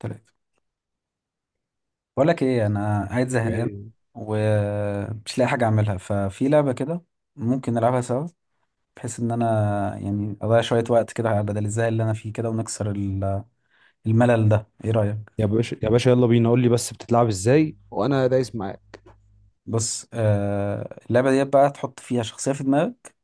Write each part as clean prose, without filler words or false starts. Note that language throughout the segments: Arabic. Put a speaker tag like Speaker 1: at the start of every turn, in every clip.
Speaker 1: تلاتة. بقول لك ايه، انا قاعد زهقان
Speaker 2: إيه.
Speaker 1: ومش لاقي حاجه اعملها، ففي لعبه كده ممكن نلعبها سوا، بحيث ان انا يعني اضيع شويه وقت كده على بدل الزهق اللي انا فيه كده، ونكسر الملل ده. ايه رايك؟
Speaker 2: يا باشا، يا باشا، يلا بينا قول لي بس بتتلعب ازاي وانا دايس معاك؟
Speaker 1: بص، اللعبه دي بقى تحط فيها شخصيه في دماغك،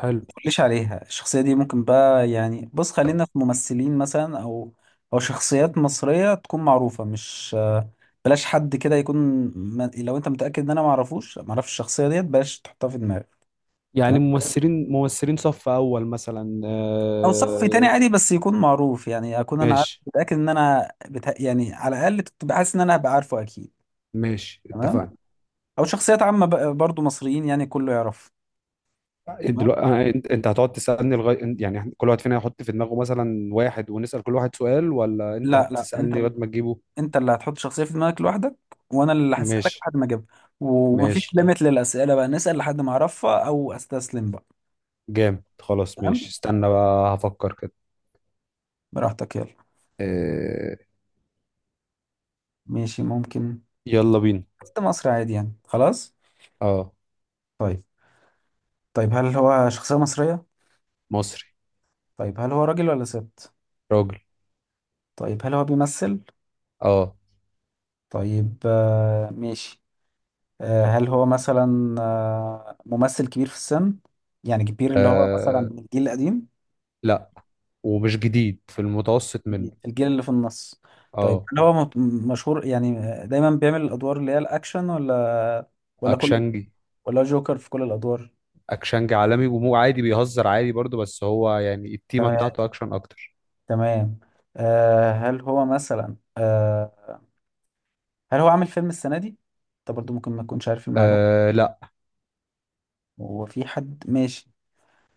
Speaker 2: حلو.
Speaker 1: ما تقوليش عليها. الشخصيه دي ممكن بقى يعني بص، خلينا في ممثلين مثلا، او شخصيات مصريه تكون معروفه، مش بلاش حد كده يكون لو انت متاكد ان انا ما اعرفش الشخصيه ديت بلاش تحطها في دماغك.
Speaker 2: يعني
Speaker 1: تمام؟
Speaker 2: ممثلين صف اول مثلا
Speaker 1: او صف تاني عادي، بس يكون معروف يعني اكون انا عارف
Speaker 2: ماشي
Speaker 1: متاكد ان يعني على الاقل تبقى حاسس ان انا هبقى عارفه اكيد.
Speaker 2: ماشي،
Speaker 1: تمام.
Speaker 2: اتفقنا.
Speaker 1: او شخصيات عامه برضو مصريين، يعني كله يعرف. تمام.
Speaker 2: دلوقتي انت هتقعد تسالني لغايه، يعني كل واحد فينا هيحط في دماغه مثلا واحد ونسال كل واحد سؤال، ولا انت
Speaker 1: لا لا، انت
Speaker 2: هتسالني لغايه ما تجيبه؟
Speaker 1: انت اللي هتحط شخصيه في دماغك لوحدك، وانا اللي هسالك
Speaker 2: ماشي
Speaker 1: لحد ما اجيبها. ومفيش
Speaker 2: ماشي.
Speaker 1: ليميت للاسئله بقى، نسال لحد ما اعرفها او استسلم بقى.
Speaker 2: جامد، خلاص، ماشي،
Speaker 1: تمام.
Speaker 2: استنى بقى هفكر كده.
Speaker 1: براحتك، يلا.
Speaker 2: آه،
Speaker 1: ماشي ممكن.
Speaker 2: يلا بينا.
Speaker 1: حتى مصر عادي يعني، خلاص.
Speaker 2: اه.
Speaker 1: طيب، طيب هل هو شخصيه مصريه؟
Speaker 2: مصري.
Speaker 1: طيب هل هو راجل ولا ست؟
Speaker 2: راجل.
Speaker 1: طيب هل هو بيمثل؟
Speaker 2: اه.
Speaker 1: طيب، ماشي. هل هو مثلا ممثل كبير في السن؟ يعني كبير اللي هو مثلا
Speaker 2: آه،
Speaker 1: من الجيل القديم.
Speaker 2: لا. ومش جديد، في المتوسط منه.
Speaker 1: كبير الجيل اللي في النص. طيب
Speaker 2: اه.
Speaker 1: هل هو مشهور يعني، دايما بيعمل الادوار اللي هي الاكشن، ولا كل
Speaker 2: اكشنجي.
Speaker 1: ولا جوكر في كل الادوار؟
Speaker 2: اكشنجي عالمي ومو عادي، بيهزر عادي برضه، بس هو يعني التيمه
Speaker 1: تمام.
Speaker 2: بتاعته اكشن اكتر.
Speaker 1: تمام. هل هو مثلا هل هو عامل فيلم السنة دي؟ انت برضو ممكن ما تكونش عارف المعلومة.
Speaker 2: آه لا.
Speaker 1: هو في حد ماشي.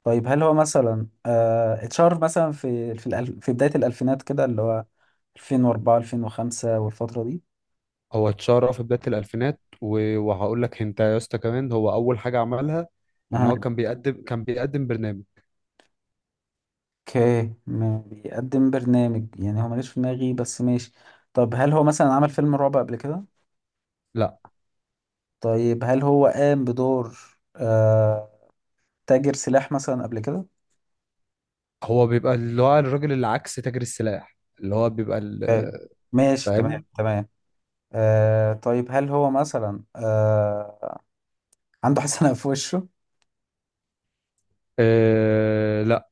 Speaker 1: طيب هل هو مثلا اتشهر مثلا في الألف، في بداية الألفينات كده، اللي هو 2004 2005 والفترة دي؟
Speaker 2: هو اتشهر في بدايه الالفينات، وهقول لك انت يا اسطى كمان هو اول حاجه عملها ان
Speaker 1: اها.
Speaker 2: هو كان بيقدم برنامج.
Speaker 1: اوكي، ما بيقدم برنامج يعني، هو ماليش في دماغي، بس ماشي. طب هل هو مثلا عمل فيلم رعب قبل كده؟
Speaker 2: لا.
Speaker 1: طيب هل هو قام بدور آه تاجر سلاح مثلا قبل كده؟
Speaker 2: هو بيبقى اللي هو الراجل اللي عكس تاجر السلاح، اللي هو بيبقى
Speaker 1: آه، ماشي، تمام
Speaker 2: فاهم.
Speaker 1: تمام. طيب هل هو مثلا عنده حسنة في وشه؟
Speaker 2: آه لا.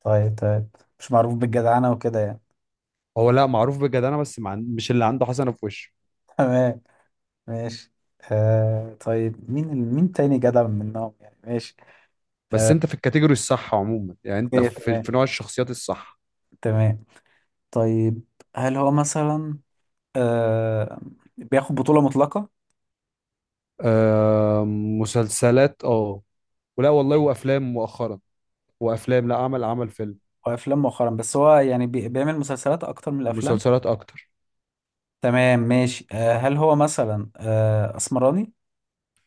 Speaker 1: طيب طيب، مش معروف بالجدعنة وكده يعني.
Speaker 2: هو لا معروف بجدانه، بس مش اللي عنده حسنه في وشه.
Speaker 1: تمام، ماشي. طيب، مين تاني جدع منهم يعني، ماشي.
Speaker 2: بس
Speaker 1: آه،
Speaker 2: انت في الكاتيجوري الصح عموما، يعني انت
Speaker 1: اوكي،
Speaker 2: في,
Speaker 1: تمام
Speaker 2: في نوع الشخصيات الصح.
Speaker 1: تمام. طيب هل هو مثلا آه بياخد بطولة مطلقة
Speaker 2: آه، مسلسلات، اه. ولا والله وافلام مؤخرا. وافلام، لا، عمل فيلم.
Speaker 1: وأفلام مؤخرا؟ بس هو يعني بيعمل مسلسلات أكتر من الأفلام.
Speaker 2: مسلسلات اكتر.
Speaker 1: تمام ماشي. هل هو مثلا أسمراني؟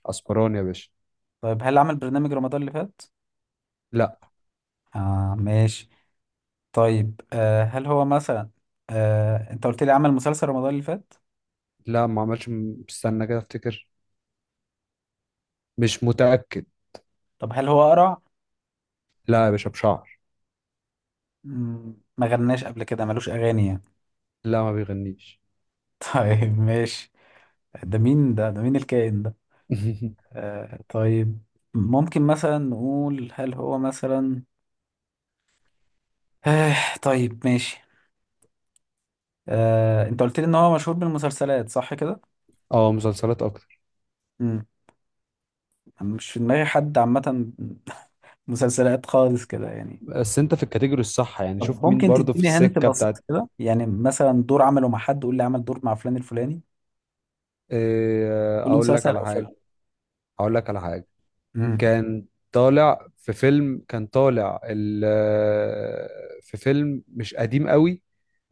Speaker 2: اسبراني يا باشا.
Speaker 1: طيب هل عمل برنامج رمضان اللي فات؟
Speaker 2: لا.
Speaker 1: آه، ماشي. طيب، هل هو مثلا أنت قلت لي عمل مسلسل رمضان اللي فات؟
Speaker 2: لا، ما عملش استنى كده افتكر. مش متأكد.
Speaker 1: طب هل هو قرع؟
Speaker 2: لا يا باشا، بشعر.
Speaker 1: ما غناش قبل كده، ملوش أغاني يعني؟
Speaker 2: لا، ما بيغنيش.
Speaker 1: طيب ماشي. ده مين ده، مين الكائن ده؟ آه طيب، ممكن مثلا نقول هل هو مثلا آه طيب ماشي. آه، انت قلت لي ان هو مشهور بالمسلسلات، صح كده؟
Speaker 2: اه، مسلسلات اكتر.
Speaker 1: امم أنا مش في دماغي حد عامة. مسلسلات خالص كده يعني.
Speaker 2: بس انت في الكاتيجوري الصح، يعني
Speaker 1: طب
Speaker 2: شوف مين
Speaker 1: ممكن
Speaker 2: برضه في
Speaker 1: تديني هنت
Speaker 2: السكة
Speaker 1: بسيط
Speaker 2: بتاعت.
Speaker 1: كده يعني، مثلا دور عمله مع حد، قول لي عمل دور مع فلان الفلاني. قول لي
Speaker 2: اقول لك
Speaker 1: مسلسل
Speaker 2: على
Speaker 1: او
Speaker 2: حاجة.
Speaker 1: فيلم.
Speaker 2: اقول لك على حاجة.
Speaker 1: امم
Speaker 2: كان طالع في فيلم كان طالع ال- في فيلم مش قديم قوي.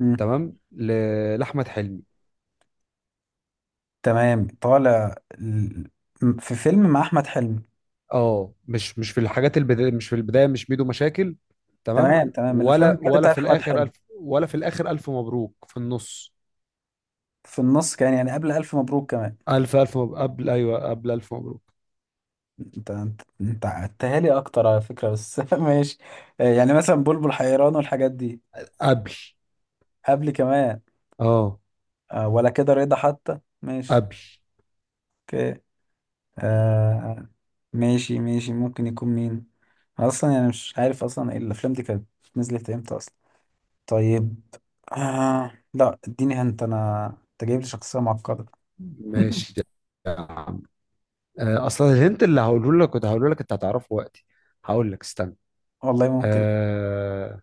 Speaker 1: امم
Speaker 2: تمام، لأحمد حلمي.
Speaker 1: تمام، في فيلم مع احمد حلمي.
Speaker 2: اه، مش في الحاجات البداية، مش في البداية، مش ميدو مشاكل. تمام.
Speaker 1: تمام تمام، من الافلام
Speaker 2: ولا
Speaker 1: الجد
Speaker 2: ولا
Speaker 1: بتاعت
Speaker 2: في
Speaker 1: احمد
Speaker 2: الآخر
Speaker 1: حلمي.
Speaker 2: ألف ولا في الآخر ألف مبروك في النص.
Speaker 1: في النص كان يعني، قبل الف مبروك كمان.
Speaker 2: ألف مبروك، قبل، أيوه، قبل ألف مبروك.
Speaker 1: انت عدتها لي اكتر على فكره، بس ماشي. آه، يعني مثلا بلبل حيران والحاجات دي.
Speaker 2: قبل،
Speaker 1: قبل كمان.
Speaker 2: اه،
Speaker 1: آه، ولا كده رضا حتى، ماشي.
Speaker 2: قبل.
Speaker 1: اوكي، آه ماشي ماشي. ممكن يكون مين اصلا يعني؟ مش عارف اصلا ايه الافلام دي كانت نزلت امتى اصلا. طيب، آه لا اديني انت انا. انت جايب لي شخصيه معقده.
Speaker 2: ماشي يا عم. أصلا الهنت اللي هقوله لك كنت هقوله لك أنت هتعرفه وقتي. هقول لك استنى.
Speaker 1: والله ممكن.
Speaker 2: آه،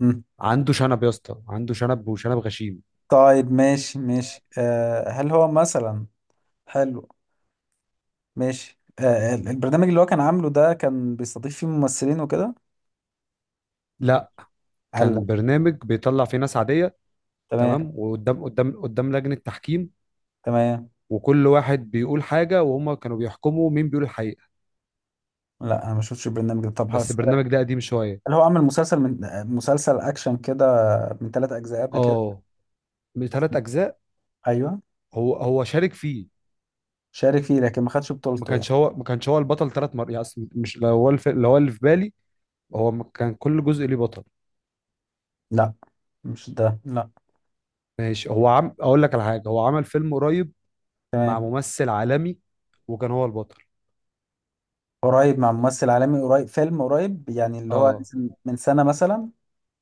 Speaker 1: مم.
Speaker 2: عنده شنب يا اسطى، عنده شنب، وشنب غشيم.
Speaker 1: طيب ماشي ماشي. هل هو مثلا حلو. ماشي. آه، البرنامج اللي هو كان عامله ده، كان بيستضيف فيه ممثلين وكده.
Speaker 2: لا،
Speaker 1: هلا،
Speaker 2: كان برنامج بيطلع فيه ناس عادية.
Speaker 1: تمام
Speaker 2: تمام، وقدام قدام قدام لجنة تحكيم.
Speaker 1: تمام.
Speaker 2: وكل واحد بيقول حاجة وهم كانوا بيحكموا مين بيقول الحقيقة.
Speaker 1: لا انا ما شفتش البرنامج ده. طب
Speaker 2: بس
Speaker 1: هسألك،
Speaker 2: البرنامج ده قديم شوية.
Speaker 1: هل هو عمل مسلسل من مسلسل اكشن كده، من ثلاث اجزاء قبل كده؟
Speaker 2: اه، من 3 أجزاء.
Speaker 1: ايوه.
Speaker 2: هو شارك فيه.
Speaker 1: شارك فيه، لكن ما خدش
Speaker 2: ما
Speaker 1: بطولته
Speaker 2: كانش
Speaker 1: يعني.
Speaker 2: هو ما كانش هو البطل 3 مرات يعني، أصل مش لو هو لو هو اللي في بالي، هو ما كان كل جزء ليه بطل.
Speaker 1: لا مش ده، لا.
Speaker 2: ماشي. هو عم اقول لك على حاجة. هو عمل فيلم قريب مع
Speaker 1: تمام.
Speaker 2: ممثل عالمي، وكان هو البطل.
Speaker 1: قريب مع ممثل عالمي. قريب فيلم قريب يعني، اللي هو
Speaker 2: اه.
Speaker 1: نزل من سنة مثلا.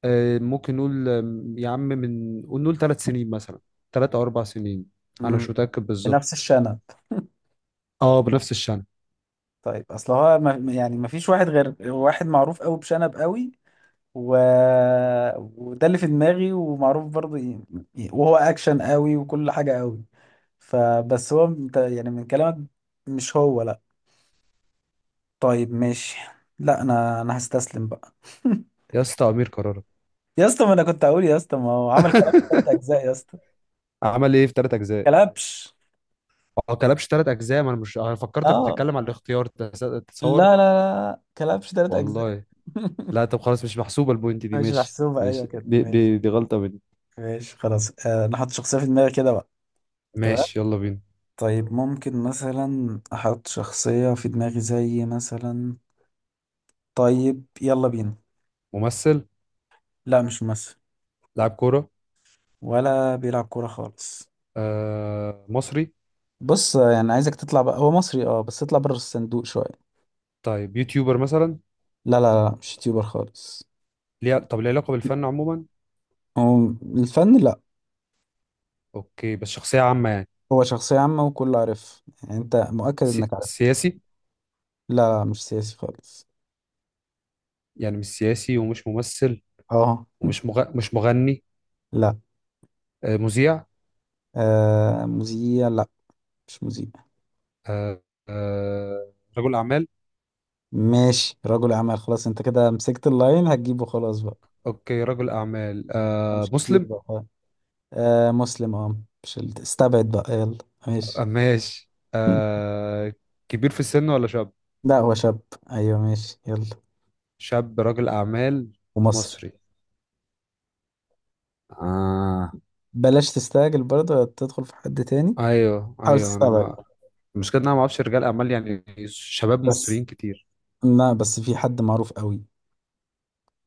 Speaker 2: ممكن نقول، يا عم من قول نقول 3 سنين مثلا. 3 او 4 سنين. انا
Speaker 1: امم.
Speaker 2: مش متاكد
Speaker 1: بنفس
Speaker 2: بالظبط.
Speaker 1: الشنب.
Speaker 2: اه، بنفس الشنب.
Speaker 1: طيب، اصل هو ما يعني ما فيش واحد غير واحد معروف قوي بشنب قوي، و... وده اللي في دماغي، ومعروف برضه وهو اكشن قوي وكل حاجة قوي، فبس هو انت يعني من كلامك مش هو، لا. طيب ماشي. لا انا، هستسلم بقى.
Speaker 2: يا اسطى امير كرارة.
Speaker 1: يا اسطى، ما انا كنت اقول يا اسطى ما هو عمل كلاب ثلاث اجزاء يا اسطى.
Speaker 2: عمل ايه في 3 اجزاء؟
Speaker 1: كلبش.
Speaker 2: او كلبش 3 اجزاء. ما انا مش، انا فكرتك
Speaker 1: اه
Speaker 2: بتتكلم عن الاختيار، تتصور.
Speaker 1: لا لا لا، كلبش ثلاث اجزاء.
Speaker 2: والله. لا طب خلاص، مش محسوبه البوينت دي.
Speaker 1: مش
Speaker 2: ماشي
Speaker 1: محسوبة، ايوه
Speaker 2: ماشي.
Speaker 1: كده
Speaker 2: دي,
Speaker 1: ماشي.
Speaker 2: دي, دي غلطه مني.
Speaker 1: ماشي خلاص. آه، انا حاطط شخصية في دماغي كده بقى. تمام.
Speaker 2: ماشي، يلا بينا.
Speaker 1: طيب ممكن مثلا احط شخصية في دماغي زي مثلا، طيب يلا بينا.
Speaker 2: ممثل.
Speaker 1: لا مش ممثل.
Speaker 2: لاعب كوره.
Speaker 1: ولا بيلعب كورة خالص.
Speaker 2: آه، مصري.
Speaker 1: بص يعني، عايزك تطلع بقى هو مصري اه، بس اطلع بره الصندوق شوية.
Speaker 2: طيب، يوتيوبر مثلا؟
Speaker 1: لا لا لا، مش يوتيوبر خالص.
Speaker 2: ليه؟ طب ليه علاقه بالفن عموما.
Speaker 1: هو الفن، لا.
Speaker 2: اوكي، بس شخصيه عامه يعني.
Speaker 1: هو شخصية عامة وكله عارف يعني، انت مؤكد انك عارف.
Speaker 2: سياسي.
Speaker 1: لا لا، مش سياسي خالص.
Speaker 2: يعني مش سياسي ومش ممثل.
Speaker 1: اه.
Speaker 2: ومش مغ... مش مغني.
Speaker 1: لا،
Speaker 2: مذيع.
Speaker 1: مذيع لا، مش مذيع.
Speaker 2: آه، رجل أعمال.
Speaker 1: ماشي، رجل أعمال. خلاص، انت كده مسكت اللاين هتجيبه خلاص بقى.
Speaker 2: أوكي، رجل أعمال.
Speaker 1: مش كتير
Speaker 2: مسلم.
Speaker 1: بقى. آه، مسلم اه. مش استبعد بقى يلا. ماشي.
Speaker 2: ماشي. كبير في السن ولا شاب؟
Speaker 1: لا هو شاب، ايوه ماشي يلا.
Speaker 2: شاب، رجل أعمال.
Speaker 1: ومصري.
Speaker 2: مصري. آه.
Speaker 1: بلاش تستعجل برضه، ولا تدخل في حد تاني.
Speaker 2: أيوه
Speaker 1: حاول
Speaker 2: أيوه، أنا
Speaker 1: تستبعد.
Speaker 2: ما... المشكلة إن أنا ما أعرفش رجال أعمال يعني شباب
Speaker 1: بس
Speaker 2: مصريين كتير.
Speaker 1: لا، بس في حد معروف قوي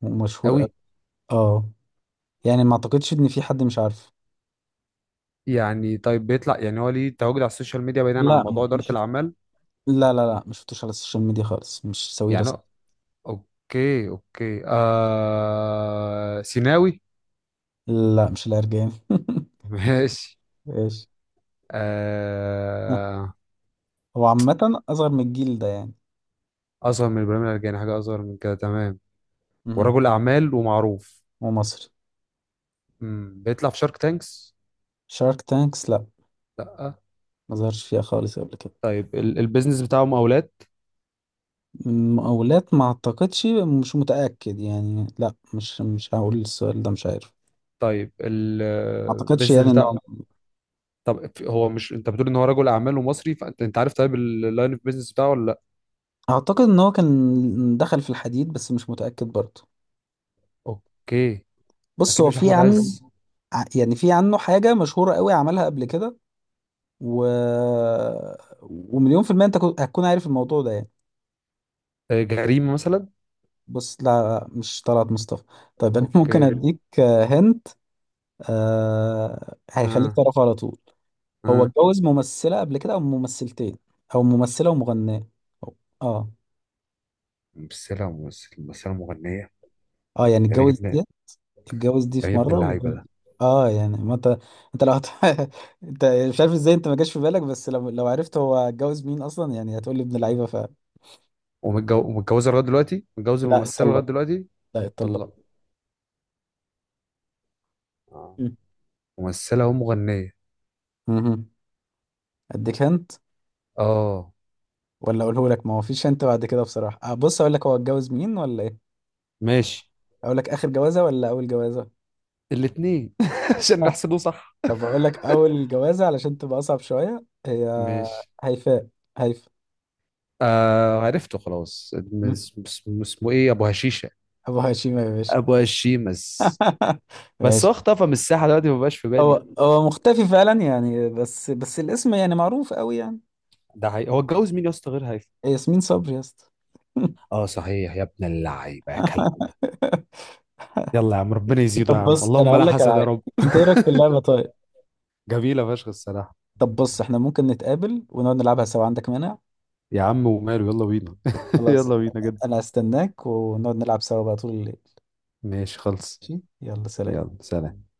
Speaker 1: ومشهور قوي.
Speaker 2: أوي.
Speaker 1: اه، يعني ما اعتقدش ان في حد مش عارفه.
Speaker 2: يعني طيب بيطلع، يعني هو ليه تواجد على السوشيال ميديا بعيدا عن
Speaker 1: لا
Speaker 2: موضوع
Speaker 1: ما-
Speaker 2: إدارة
Speaker 1: مش شفت-
Speaker 2: الأعمال؟
Speaker 1: لا لا لا، مش شفتوش على السوشيال ميديا خالص، مش سوي
Speaker 2: يعني.
Speaker 1: رسم.
Speaker 2: اوكي اوكي، سيناوي.
Speaker 1: لا مش العرجاني.
Speaker 2: ماشي.
Speaker 1: ماشي.
Speaker 2: آه...
Speaker 1: هو عامة أصغر من الجيل ده يعني.
Speaker 2: اصغر من ابراهيم العرجاني، حاجه اصغر من كده، تمام.
Speaker 1: مهم.
Speaker 2: ورجل اعمال ومعروف.
Speaker 1: ومصري.
Speaker 2: مم. بيطلع في شارك تانكس.
Speaker 1: شارك تانكس، لا.
Speaker 2: لا.
Speaker 1: ما ظهرش فيها خالص قبل كده.
Speaker 2: طيب، البيزنس بتاعه مقاولات.
Speaker 1: مقاولات ما اعتقدش، مش متأكد يعني، لا مش مش هقول السؤال ده، مش عارف.
Speaker 2: طيب، ال-
Speaker 1: ما اعتقدش يعني
Speaker 2: البيزنس
Speaker 1: ان
Speaker 2: بتاع
Speaker 1: هو.
Speaker 2: طب في- هو مش انت بتقول ان هو رجل اعمال ومصري؟ فانت عارف طيب اللاين اوف بيزنس بتاعه ولا لا؟
Speaker 1: اعتقد ان هو كان دخل في الحديد، بس مش متأكد برضه.
Speaker 2: اوكي.
Speaker 1: بص
Speaker 2: اكيد
Speaker 1: هو
Speaker 2: مش
Speaker 1: في
Speaker 2: احمد
Speaker 1: عنه،
Speaker 2: عز.
Speaker 1: يعني في عنه حاجة مشهورة قوي عملها قبل كده، و... ومليون في المية انت هتكون عارف الموضوع ده يعني.
Speaker 2: جريمه مثلا.
Speaker 1: بص لا، مش طلعت مصطفى. طيب انا ممكن
Speaker 2: اوكي.
Speaker 1: اديك هنت آه... hint، آه، هيخليك
Speaker 2: اه.
Speaker 1: تعرفه على طول. هو
Speaker 2: اه.
Speaker 1: اتجوز ممثلة قبل كده، أو ممثلتين، أو ممثلة ومغنية، أو اه.
Speaker 2: بس لا ممثل، بس لا مغنية.
Speaker 1: اه يعني
Speaker 2: جميل
Speaker 1: اتجوز
Speaker 2: ابن
Speaker 1: دي. اتجوز دي في
Speaker 2: جميل ابن
Speaker 1: مرة
Speaker 2: اللعيبه
Speaker 1: و...
Speaker 2: ده.
Speaker 1: اه يعني ما انت، انت لو هت... انت مش عارف ازاي، انت ما جاش في بالك، بس لو لو عرفت هو اتجوز مين اصلا، يعني هتقول لي ابن لعيبة ف.
Speaker 2: ومتجوزه لغايه دلوقتي، متجوز
Speaker 1: لا
Speaker 2: الممثله لغايه
Speaker 1: اتطلق.
Speaker 2: دلوقتي.
Speaker 1: لا اتطلق.
Speaker 2: اتطلقوا. اه.
Speaker 1: مم.
Speaker 2: ممثله ومغنيه.
Speaker 1: مهم. اديك هنت،
Speaker 2: اه.
Speaker 1: ولا اقوله لك ما هو فيش هنت بعد كده بصراحة. آه بص، اقول لك هو اتجوز مين ولا ايه.
Speaker 2: ماشي.
Speaker 1: اقول لك اخر جوازة ولا اول جوازة؟
Speaker 2: الاثنين عشان نحسبه صح.
Speaker 1: طب اقول لك اول جوازة علشان تبقى اصعب شوية، هي
Speaker 2: ماشي.
Speaker 1: هيفاء. هيفاء.
Speaker 2: آه، عرفته خلاص،
Speaker 1: مم.
Speaker 2: اسمه ايه؟ ابو هشيشه.
Speaker 1: ابو هشيمة يا باشا.
Speaker 2: ابو هشيمس. بس هو
Speaker 1: ماشي.
Speaker 2: اختفى من الساحه دلوقتي، ما بقاش في بالي.
Speaker 1: هو هو مختفي فعلا يعني، بس بس الاسم يعني معروف قوي يعني.
Speaker 2: ده حقيقي، هو اتجوز مين يا اسطى غير هيثم؟
Speaker 1: ياسمين صبري يا اسطى.
Speaker 2: اه صحيح، يا ابن اللعيبه يا كلب. يلا يا عم، ربنا يزيده يا
Speaker 1: طب
Speaker 2: عم،
Speaker 1: بص انا
Speaker 2: اللهم
Speaker 1: اقول
Speaker 2: لا
Speaker 1: لك على
Speaker 2: حسد يا
Speaker 1: حاجه،
Speaker 2: رب.
Speaker 1: انت ايه رايك في اللعبه طيب؟
Speaker 2: جميله فشخ الصراحه.
Speaker 1: طب بص، احنا ممكن نتقابل ونقعد نلعبها سوا، عندك مانع؟
Speaker 2: يا عم وماله، يلا بينا.
Speaker 1: خلاص.
Speaker 2: يلا بينا جد.
Speaker 1: انا هستناك، ونقعد نلعب سوا بقى طول الليل.
Speaker 2: ماشي خلص.
Speaker 1: ماشي، يلا سلام.
Speaker 2: يلا سلام.